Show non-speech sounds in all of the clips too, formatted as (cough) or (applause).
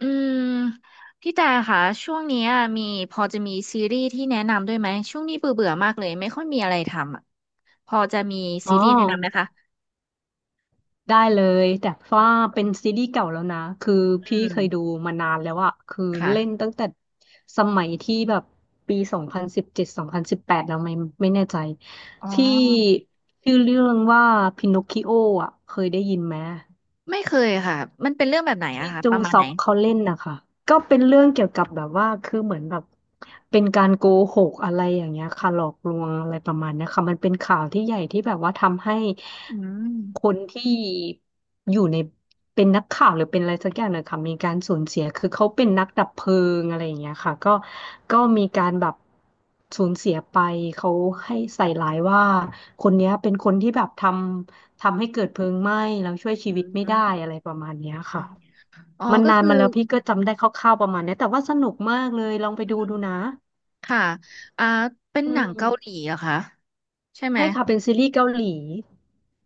อืมพี่แต่ค่ะช่วงเนี้ยมีพอจะมีซีรีส์ที่แนะนำด้วยไหมช่วงนี้เบื่อเบื่อมากเลยไม่ค่อยมีอะไรทำอ่ะพอจะมีอ๋อซีรีส์แนะนำไหมคะได้เลยแต่ว่าเป็นซีรีส์เก่าแล้วนะคืออืพี่เคมยดูมานานแล้วอะคือเล่นค่ะตั้งแต่สมัยที่แบบปี20172018แล้วไม่แน่ใจอ๋อที่ชื่อเรื่องว่าพินอคคิโออะเคยได้ยินไหม ไม่เคยค่ะมันเป็นเรื่องแบบไหนที่อะคะจปงระมาณซไหนอกเขาเล่นนะคะ ก็เป็นเรื่องเกี่ยวกับแบบว่าคือเหมือนแบบเป็นการโกหกอะไรอย่างเงี้ยค่ะหลอกลวงอะไรประมาณเนี้ยค่ะมันเป็นข่าวที่ใหญ่ที่แบบว่าทำให้อืคมนที่อยู่ในเป็นนักข่าวหรือเป็นอะไรสักอย่างเนี่ยค่ะมีการสูญเสีย คือเขาเป็นนักดับเพลิงอะไรอย่างเงี้ยค่ะก็มีการแบบสูญเสียไป เขาให้ใส่ร้ายว่าคนเนี้ยเป็นคนที่แบบทำให้เกิดเพลิงไหม้แล้วช่วยชีอืวิตไม่ได้มอะไรประมาณเนี้ยอค่ะ มอ๋อมันก็นานคืมาอแล้วพี่ก็จำได้คร่าวๆประมาณเนี้ยแต่ว่าสนุกมากเลยลองไปอืดูมดูนะค่ะอ่าเป็นอืหนังเกาหลีมเหรอคะใช่ไหมใช่ค่ะเป็นซีรีส์เกาหลี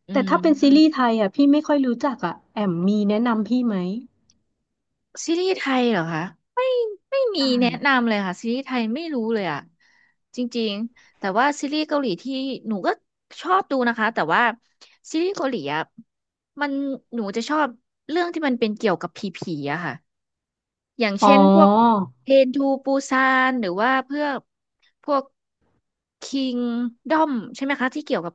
อืแต่ถ้าเป็นซีรีส์ไทม ยอ่ะพี่ไม่ค่อยรู้จักอ่ะแอมมีแนะนำพี่ไหมซีรีส์ไทยเหรอคะไม่ไม่ใชมีแนะ่นำเลยค่ะซีรีส์ไทยไม่รู้เลยอ่ะจริงๆแต่ว่าซีรีส์เกาหลีที่หนูก็ชอบดูนะคะแต่ว่าซีรีส์เกาหลีอะมันหนูจะชอบเรื่องที่มันเป็นเกี่ยวกับผีๆอะค่ะอย่างอ๋อเช่นพวกเทรนทูปูซานหรือว่าเพื่อพวกคิงดอมใช่ไหมคะที่เกี่ยวกับ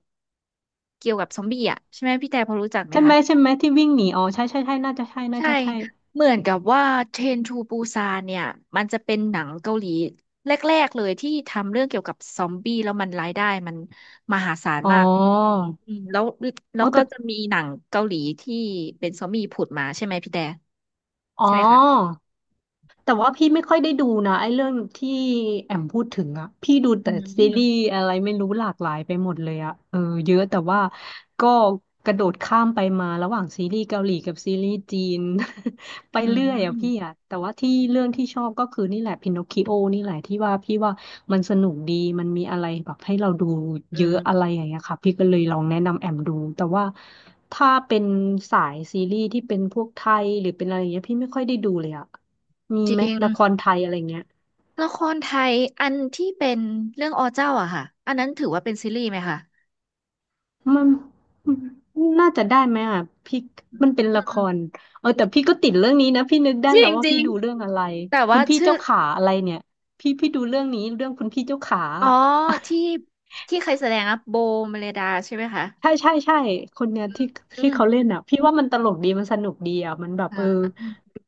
เกี่ยวกับซอมบี้อะใช่ไหมพี่แต่พอรู้จักไหมใช่ไหมคะ ใช่ไหมที่วิ่งหนีอ๋อใช่ใช่ใช่น่าจะใช่น่าใช่จะใช่เหมือนกับว่าเทรนทูปูซานเนี่ยมันจะเป็นหนังเกาหลีแรกๆเลยที่ทำเรื่องเกี่ยวกับซอมบี้แล้วมันรายได้มันมหาศาลอ๋อมากอืมแล้วแล้อ๋อวก็แต่จะมีหนังเกาหลีที่เป็นซอมบี้ผุดมาใช่ไหมพี่แต่อ๋ใช่ไหมคะอ แต่ว่าพี่ไม่ค่อยได้ดูนะไอ้เรื่องที่แอมพูดถึงอะพี่ดูอืแต่ซีรีส์มอะไรไม่รู้หลากหลายไปหมดเลยอะเออเยอะแต่ว่าก็กระโดดข้ามไปมาระหว่างซีรีส์เกาหลีกับซีรีส์จีน (laughs) ไปอืเรื่อยอะพี่มอะแต่ว่าที่เรื่องที่ชอบก็คือนี่แหละพินอคคิโอนี่แหละที่ว่าพี่ว่ามันสนุกดีมันมีอะไรแบบให้เราดูอืเยอะอะมไรอย่างเงี้ยค่ะพี่ก็เลยลองแนะนำแอมดูแต่ว่าถ้าเป็นสายซีรีส์ที่เป็นพวกไทยหรือเป็นอะไรอย่างเงี้ยพี่ไม่ค่อยได้ดูเลยอะ มีจไหมริงละครไทยอะไรเงี้ยละครไทยอันที่เป็นเรื่องอเจ้าอะค่ะอันนั้นถือว่าเป็นซีรีส์ไหมคะมันน่าจะได้ไหมอ่ะพี่มันเป็นอืละครมเออแต่พี่ก็ติดเรื่องนี้นะพี่นึกได้จริแล้งวว่าจริพี่งดูเรื่องอะไรแต่คุว่าณพี่ชื่อ เจ้าขาอะไรเนี่ยพี่ดูเรื่องนี้เรื่องคุณพี่เจ้าขาอ๋ออะที่ที่เคยแสดงอะโบเมเลดาใช่ไหมคะใช่ใช่ใช่คนเนี้ยที่อืที่มเขาเล่นอ่ะพี่ว่ามันตลกดีมันสนุกดีอ่ะมันแบบอ่เออา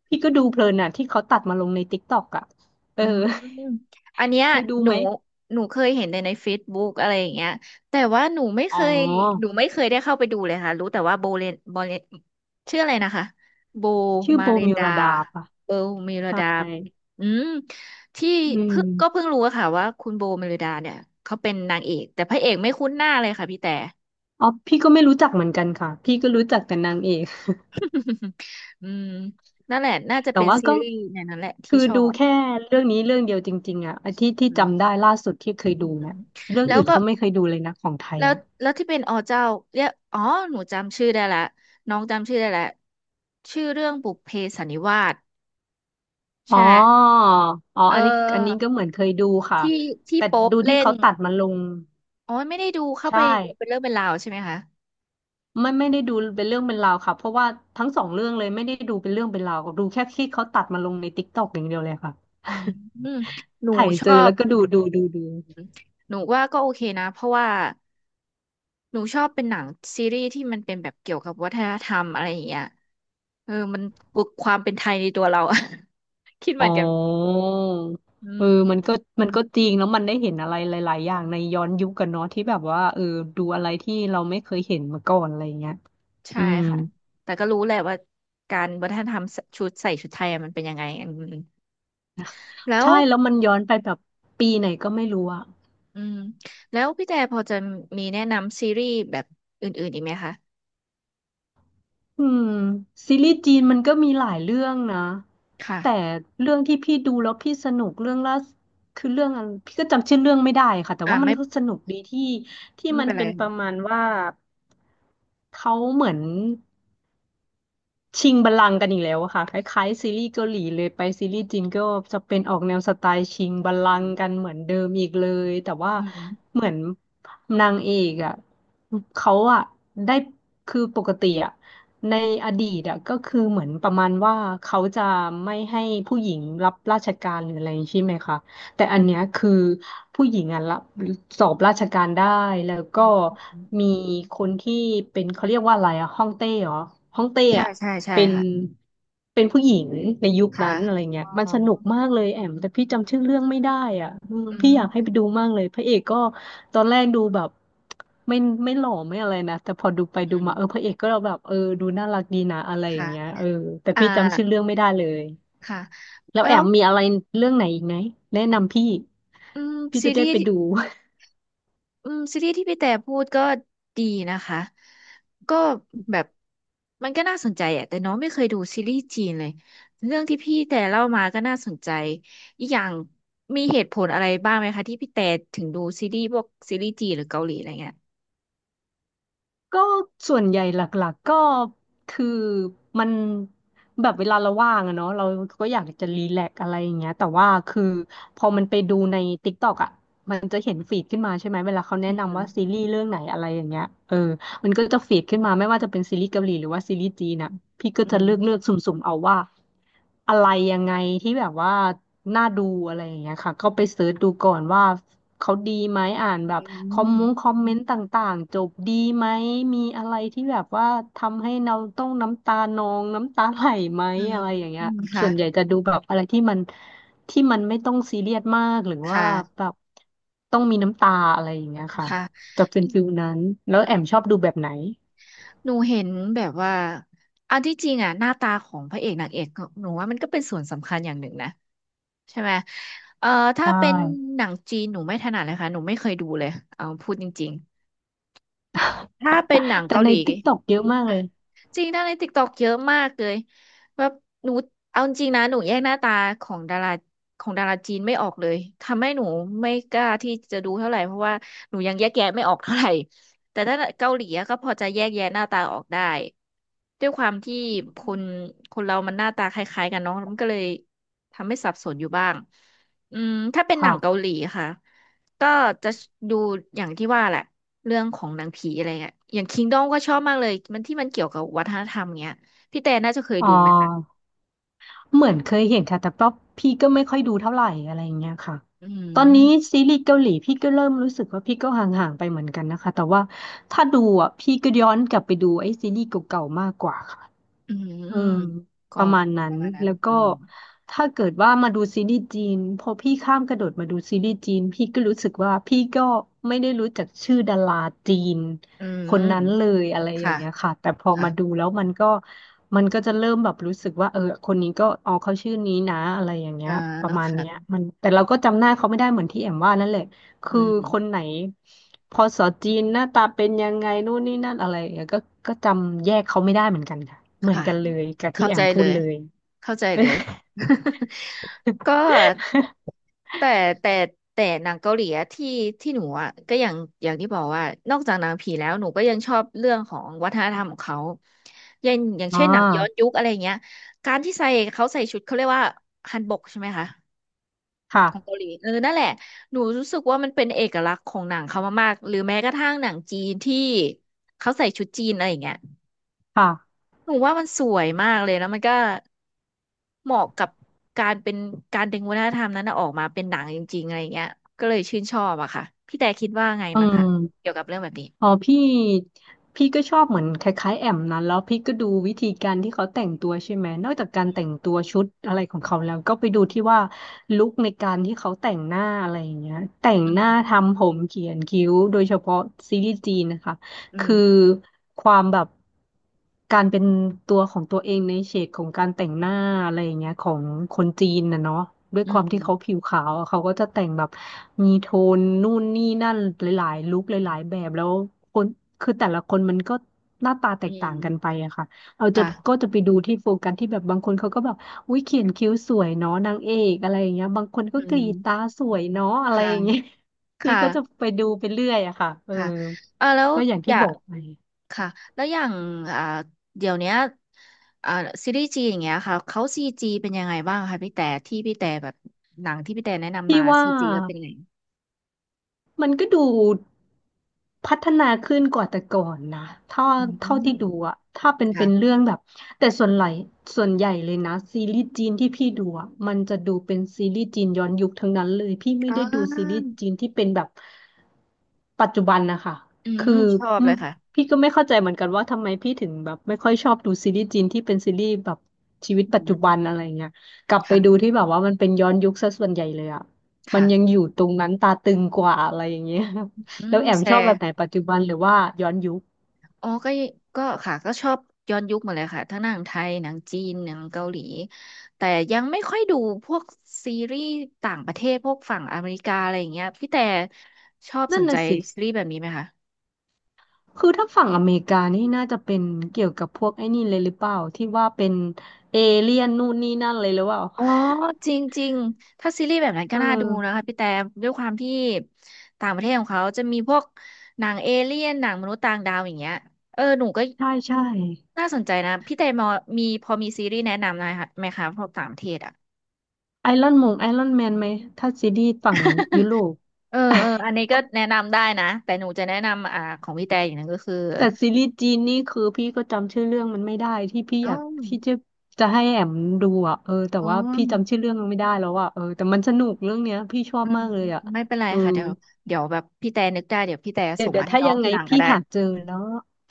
พี่ก็ดูเพลินอ่ะที่เขาตัดมาลงในติ๊กต็อกอ่ะเออือ มอืมอัน (laughs) เนี้ยเคยดูหนูไหมหนูเคยเห็นแต่ใน Facebook อะไรอย่างเงี้ยแต่ว่าหนูไม่อ๋เคอยหนูไม่เคยได้เข้าไปดูเลยค่ะรู้แต่ว่าโบเลนโบเลนชื่ออะไรนะคะโบชื่อมาโบเรนมิวดาราดาป่ะโบเมเลใช่ดาอืมที่อืเพิ่งก็เพิ่ม งรู้อะค่ะว่าคุณโบเมเลดาเนี่ยเขาเป็นนางเอกแต่พระเอกไม่คุ้นหน้าเลยค่ะพี่แต่ อ๋อพี่ก็ไม่รู้จักเหมือนกันค่ะพี่ก็รู้จักแต่นางเอก (laughs) อืมนั่นแหละน่า (laughs) จะแต่เป็นว่าซีก็รีส์ในนั้นแหละที่คือชอดูบแค่เรื่องนี้เรื่องเดียวจริงๆอ่ะไอ้ที่ที่อืจำได้มล่าสุดที่เคยอืดูเนี่มยเรื่องแล้วอื่นก็ก็ไม่เคยดูเลยนะของไทยแล้วอ่ะแล้วที่เป็นอ๋อเจ้าเรียกอ๋อหนูจำชื่อได้ละน้องจำชื่อได้ละชื่อเรื่องบุพเพสันนิวาสอ๋ใช่อไหมอ๋อเออันนี้อันนี้อก็เหมือนเคยดูค่ะที่ที่แต่โป๊ปดูที่เล่นเขาตัดมาลงอ๋อไม่ได้ดูเข้าใช่ไปดูเป็นเรื่องเป็นราวใช่ไหมคะไม่ได้ดูเป็นเรื่องเป็นราวค่ะเพราะว่าทั้งสองเรื่องเลยไม่ได้ดูเป็นเรื่องเป็นราวดูแค่ที่เขาตัดมาลงในติ๊กต็อกอย่างเดียวเลยค่ะ อืมอืมหนู (laughs) ถ่ายชเจออบแล้วก็ดูดูดูดู หนูว่าก็โอเคนะเพราะว่าหนูชอบเป็นหนังซีรีส์ที่มันเป็นแบบเกี่ยวกับวัฒนธรรมอะไรอย่างเงี้ย เออมันปลุกความเป็นไทยในตัวเราอะ (laughs) คิดเหอ๋มือนอกันอืเออมมันก็มันก็จริงแล้วมันได้เห็นอะไรหลายๆอย่างในย้อนยุคกันเนาะที่แบบว่าเออดูอะไรที่เราไม่เคยเห็นมาก่อนอะไรอย่างเงี้ยใช่อืมค่ะแต่ก็รู้แหละว่าการวัฒนธรรมชุดใส่ชุดไทยอะมันเป็นยังไงอืมแล้วใช่แล้วมันย้อนไปแบบปีไหนก็ไม่รู้อะอืมแล้วพี่แต่พอจะมีแนะนำซีรีส์แบบอื่นๆอีกไหมคะอืมซีรีส์จีนมันก็มีหลายเรื่องนะค่ะแต่เรื่องที่พี่ดูแล้วพี่สนุกเรื่องล่าสคือเรื่องอะไรพี่ก็จำชื่อเรื่องไม่ได้ค่ะแต่อ่าว่ามัไม่นก็สนุกดีที่ที่ไม่มันเป็นไรเป็นประมาณว่าเขาเหมือน ชิงบัลลังก์กันอีกแล้วอะค่ะคล้ายๆซีรีส์เกาหลีเลยไปซีรีส์จีนก็จะเป็นออกแนวสไตล์ชิงบัลลัอืงก์มกันเหมือนเดิมอีกเลยแต่ว่าอืมเหมือนนางเอกอะเขาอะได้คือปกติอะในอดีตอะก็คือเหมือนประมาณว่าเขาจะไม่ให้ผู้หญิงรับราชการหรืออะไรใช่ไหมคะ แต่อันเนี้ยคือผู้หญิงอ่ะรับสอบราชการได้แล้วอืก็มอืมมีคนที่เป็นเขาเรียกว่าอะไรอ่ะฮ่องเต้เหรอฮ่องเต้ใช่อ่ะใช่ใช่เป็นค่ะเป็นผู้หญิงในยุคค่ะนั้นอะไรเงี้อ๋ยอมันสนุกมากเลยแอมแต่พี่จำชื่อเรื่องไม่ได้อ่ะอืมอืพี่อยากให้มไปดูมากเลยพระเอกก็ตอนแรกดูแบบไม่ไม่หล่อไม่อะไรนะแต่พอดูไปอืดูมาเออพระมเอกก็แบบเออดูน่ารักดีนะอะไรอย่าค่ะงเงี้ยเออแต่อ่าพี่จำชื่อเรื่องไม่ได้เลย ค่ะแล้วแล้แอวมมีอะไรเรื่องไหนอีกไหมแนะนำพี่อืมพี่ซีจะรีได้ส์ ไปดู อืมซีรีส์ที่พี่แต่พูดก็ดีนะคะก็แบบมันก็น่าสนใจอะแต่น้องไม่เคยดูซีรีส์จีนเลยเรื่องที่พี่แต่เล่ามาก็น่าสนใจอีกอย่างมีเหตุผลอะไรบ้างไหมคะที่พี่แต่ถึงดูซีรีส์พวกซีรีส์จีนหรือเกาหลีอะไรเงี้ยก็ส่วนใหญ่หลักๆก็คือมันแบบเวลาเราว่างอะเนาะเราก็อยากจะรีแลกซ์อะไรอย่างเงี้ยแต่ว่าคือพอมันไปดูใน TikTok อะมันจะเห็นฟีดขึ้นมาใช่ไหมเวลาเขาแนะอืนำมว่าซีรีส์เรื่องไหนอะไรอย่างเงี้ยเออมันก็จะฟีดขึ้นมาไม่ว่าจะเป็นซีรีส์เกาหลีหรือว่าซีรีส์จีนอะพี่ก็อืจะเลือกเลือมกสุ่มๆเอาว่าอะไรยังไงที่แบบว่าน่าดูอะไรอย่างเงี้ยค่ะก็ไปเสิร์ชดูก่อนว่าเขาดีไหมอ่านอืแบบ มคอมเมนต์ต่างๆจบดีไหมมีอะไรที่แบบว่าทำให้เราต้องน้ำตาไหลไหมอืมอะไรอย่างเงี้อืยมค่ะส่วนใหญ่จะดูแบบอะไรที่มันไม่ต้องซีเรียสมากหรือคว่าแบ่ะบต้องมีน้ำตาอะไรอย่างเงี้ยค่ะค่ะจะเป็นฟิลนั้นแล้วอืแอมชอมบดูแบบไหนหนูเห็นแบบว่าอันที่จริงอะหน้าตาของพระเอกนางเอกหนูว่ามันก็เป็นส่วนสำคัญอย่างหนึ่งนะ ใช่ไหมเอ่อถ้าใช่ เป็นหนังจีน หนูไม่ถนัดเลยค่ะ หนูไม่เคยดูเลยเอาพูดจริงๆถ้าเป็นหนัง (laughs) แต่เกาหใน ลี TikTok เยอะมากเลค่ะยจริงดาราในติ๊กต็อกเยอะมากเลยแบบหนูเอาจริงนะหนูแยกหน้าตาของดาราของดาราจีนไม่ออกเลยทำให้หนูไม่กล้าที่จะดูเท่าไหร่เพราะว่าหนูยังแยกแยะไม่ออกเท่าไหร่แต่ถ้าเกาหลีอะก็พอจะแยกแยะหน้าตาออกได้ด้วยความที่คนคนเรามันหน้าตาคล้ายๆกันเนาะมันก็เลยทำให้สับสนอยู่บ้างอืมถ้าเป็นหนัค่ะงเกาหลีค่ะ ก็จะดูอย่างที่ว่าแหละเรื่องของหนังผีอะไรเงี้ยอย่างคิงดอมก็ชอบมากเลยมันที่มันเกี่ยวกับวัฒนธรรมเงี้ยพี่แต่น่าจะเคยอ๋ดูไหมคะอ เหมือนเคยเห็นค่ะแต่ก็พี่ก็ไม่ค่อยดูเท่าไหร่อะไรอย่างเงี้ยค่ะอืตอนมนี้ซีรีส์เกาหลีพี่ก็เริ่มรู้สึกว่าพี่ก็ห่างๆไปเหมือนกันนะคะแต่ว่าถ้าดูอ่ะพี่ก็ย้อนกลับไปดูไอ้ซีรีส์เก่าๆมากกว่าค่ะ อืมเออก็ประมาณนั้ปนระมาณนั้นแล้วก็อืมถ้าเกิดว่ามาดูซีรีส์จีนพอพี่ข้ามกระโดดมาดูซีรีส์จีนพี่ก็รู้สึกว่าพี่ก็ไม่ได้รู้จักชื่อดาราจีนอืคนนั้มนเลยอะไรอย่าค่ะงเงี้ยค่ะแต่พอค่ะมาดูแล้วมันก็จะเริ่มแบบรู้สึกว่าเออคนนี้ก็อ๋อเขาชื่อนี้นะอะไรอย่างเงี้อ่ายประมาณเนี้ยค่ะมันแต่เราก็จำหน้าเขาไม่ได้เหมือนที่แอมว่านั่นแหละ อืคือม คนไหนพอสอจีนหน้าตาเป็นยังไงนู่นนี่นั่นอะไรอย่างเงี้ยก็จำแยกเขาไม่ได้เหมือนกันค่ะเหมือนค่ะกันเลยกับที่เข้าแอใจมพูเลดยเลย เข้าใจเลย (laughs) (laughs) ก็แต่แต่แต่หนังเกาหลีอะที่หนูอ่ะก็อย่างที่บอกว่านอกจากหนังผีแล้วหนูก็ยังชอบเรื่องของวัฒนธรรมของเขาอย่างอ๋อเช่นหนังย้อนยุคอะไรเงี้ยการที่ใส่เขาใส่ชุดเขาเรียกว่าฮันบกใช่ไหมคะค่ะของเกาหลีเออนั่นแหละหนูรู้สึกว่ามันเป็นเอกลักษณ์ของหนังเขามากๆหรือแม้กระทั่งหนังจีนที่เขาใส่ชุดจีนอะไรอย่างเงี้ย ค่ะหนูว่ามันสวยมากเลยแล้วมันก็เหมาะกับการเป็นการดึงวัฒนธรรมนั้นน่ะออกมาเป็นหนังจริงๆอะไรเงี้ยก็เลยชื่นชอบอะค่ะพี่แต่คิดว่าไงอืบ้างคะมเกี่ยวกับเรื่องแบบนี้อ๋อพี่ก็ชอบเหมือนคล้ายๆแอมนั้นแล้วพี่ก็ดูวิธีการที่เขาแต่งตัวใช่ไหมนอกจากการแต่งตัวชุดอะไรของเขาแล้วก็ไปดูที่ว่าลุคในการที่เขาแต่งหน้าอะไรอย่างเงี้ยแต่งอืหน้ามทำผมเขียนคิ้วโดยเฉพาะซีรีส์จีนนะคะ อืมคือความแบบการเป็นตัวของตัวเองในเฉดของการแต่งหน้าอะไรอย่างเงี้ยของคนจีนนะเนาะด้วยอืความที่มเขาผิวขาวอะเขาก็จะแต่งแบบมีโทนนู่นนี่นั่นหลายๆลุคหลายๆแบบแล้วคนคือแต่ละคนมันก็หน้าตาแตอืกต่ามงกันไปอะค่ะเราจะก็ค่ะจะไปดูที่โฟกัสที่แบบบางคนเขาก็แบบอุ้ยเขียนคิ้วสวยเนาะนางเอกอะไรอย่างเงี้ยบางคนก็อืกรีมดตาสวยเนาะอะไรค่ะอย่างเงี้ย คพี่ก็จะ่ะไปดูไปเรื่อยอะค่ะเออค่ะอ่าแล้วก็อย่างอที่ยาบกอกไปค่ะแล้วอย่างอ่าเดี๋ยวเนี้ยอ่าซีรีส์จีนอย่างเงี้ยค่ะเขาซีจีเป็นยังไงบ้างคะพี่แต่ที่พี่แต่แบบหนังที่พี่แต่แนะนำพี่มาว่า ซีจีก็เป็นยังไงมันก็ดูพัฒนาขึ้นกว่าแต่ก่อนนะถ้าอืเท่าม ที่ดูอะถ้าเป็นค่ะเป็นเรื่องแบบแต่ส่วนใหญ่เลยนะซีรีส์จีนที่พี่ดูอะมันจะดูเป็นซีรีส์จีนย้อนยุคทั้งนั้นเลยพี่ไม่อ่ได้ดูซีรีส์าจีนที่เป็นแบบปัจจุบันนะคะอืคืม อชอบอืเลมยค่ะพี่ก็ไม่เข้าใจเหมือนกันว่าทำไมพี่ถึงแบบไม่ค่อยชอบดูซีรีส์จีนที่เป็นซีรีส์แบบชีวิตปัอืจจุบันมอะไรเงี้ยกลับไปดูค่ะที่แบบว่ามันเป็นย้อนยุคซะส่วนใหญ่เลยอะ มันยังค่ะอยู่ตรงนั้นตาตึงกว่าอะไรอย่างเงี้ย อื (laughs) แล้วมแอมแชชอบร์แบบไหนปัจจุบันหรือว่าย้อนยุคอ๋อก็ยก็ค่ะก็ชอบย้อนยุคหมาเลยค่ะทั้งหนังไทยหนังจีนหนังเกาหลีแต่ยังไม่ค่อยดูพวกซีรีส์ต่างประเทศพวกฝั่งอเมริกาอะไรอย่างเงี้ยพี่แต่ชอบสนั่นนใจน่ะสิซีรีส์แบบนี้ไหมคะคือถ้าฝั่งอเมริกานี่น่าจะเป็นเกี่ยวกับพวกไอ้นี่เลยหรือเปล่าที่ว่าเป็นเอเลี่ยนนู่นนี่นั่นเลยหรือเปล่า อ๋อจริงจริงถ้าซีรีส์แบบนั้น (laughs) ก็เอน่าดูนะคะอพี่แต่ด้วยความที่ต่างประเทศของเขาจะมีพวกหนังเอเลี่ยนหนังมนุษย์ต่างดาวอย่างเงี้ยเออหนูก็ ใช่ใช่น่าสนใจนะพี่เตมอมีพอมีซีรีส์แนะนำหน่อยค่ะไหมคะพวกต่างประเทศอ่ะ ไอรอนแมนไหมถ้าซีรีส์ฝั่งยุโรป (laughs) เออเอออัน (laughs) นี้ก็แนะนำได้นะแต่หนูจะแนะนำของพี่แต่อย่างหนึงก็คือแต่ซีรีส์จีนนี่คือพี่ก็จำชื่อเรื่องมันไม่ได้ที่พี่ออ๋อยากที่จะให้แอมดูอ่ะเออแต่อ๋อว่าพี่จำชื่อเรื่องมันไม่ได้แล้วอ่ะเออแต่มันสนุกเรื่องเนี้ยพี่ชออืบมมากเลอืยมอ่ะไม่เป็นไรเออค่ะเดี๋ยวเดี๋ยวแบบพี่แต่นึกได้เดี๋ยวพี่แต่เดี๋ยส่วงเดี๋ยมาวให้ถ้าน้อยังงทีไงหลังก็พี่ได้หาเจอแล้ว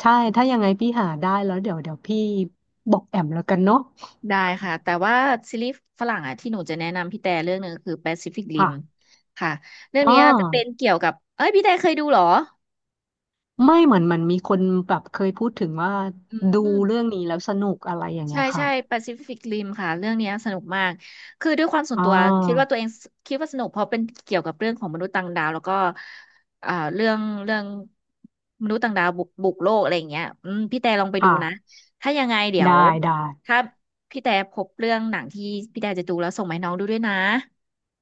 ใช่ถ้ายังไงพี่หาได้แล้วเดี๋ยวพี่บอกแอมแล้วกันเนาะได้ค่ะแต่ว่าซีรีส์ฝรั่งอ่ะที่หนูจะแนะนำพี่แต่เรื่องหนึ่งคือ Pacific Rim ค่ะค่ะเรื่องอ๋อเนี้ยจะเป็นเกี่ยวกับเอ้ยพี่แต่เคยดูเหรอไม่เหมือนมันมีคนแบบเคยพูดถึงว่าอืดูม เรื่องนี้แล้วสนุกอะไรอย่างเงี้ใช่ยค่ะใช่แปซิฟิกริมค่ะเรื่องเนี้ยสนุกมากคือด้วยความส่วนอ๋อตัวคิดว่าสนุกเพราะเป็นเกี่ยวกับเรื่องของมนุษย์ต่างดาวแล้วก็เรื่องมนุษย์ต่างดาวบุกโลกอะไรอย่างเงี้ยอืมพี่แต่ลองไปดูค่ะนะถ้ายังไงเดี๋ยได้วได้ ถ้าพี่แต่พบเรื่องหนังที่พี่แต่จะดูแล้วส่งมาให้น้องดูด้วยนะ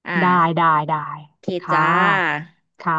อ่าได้ได้โอเคค่จ้าะค่ะ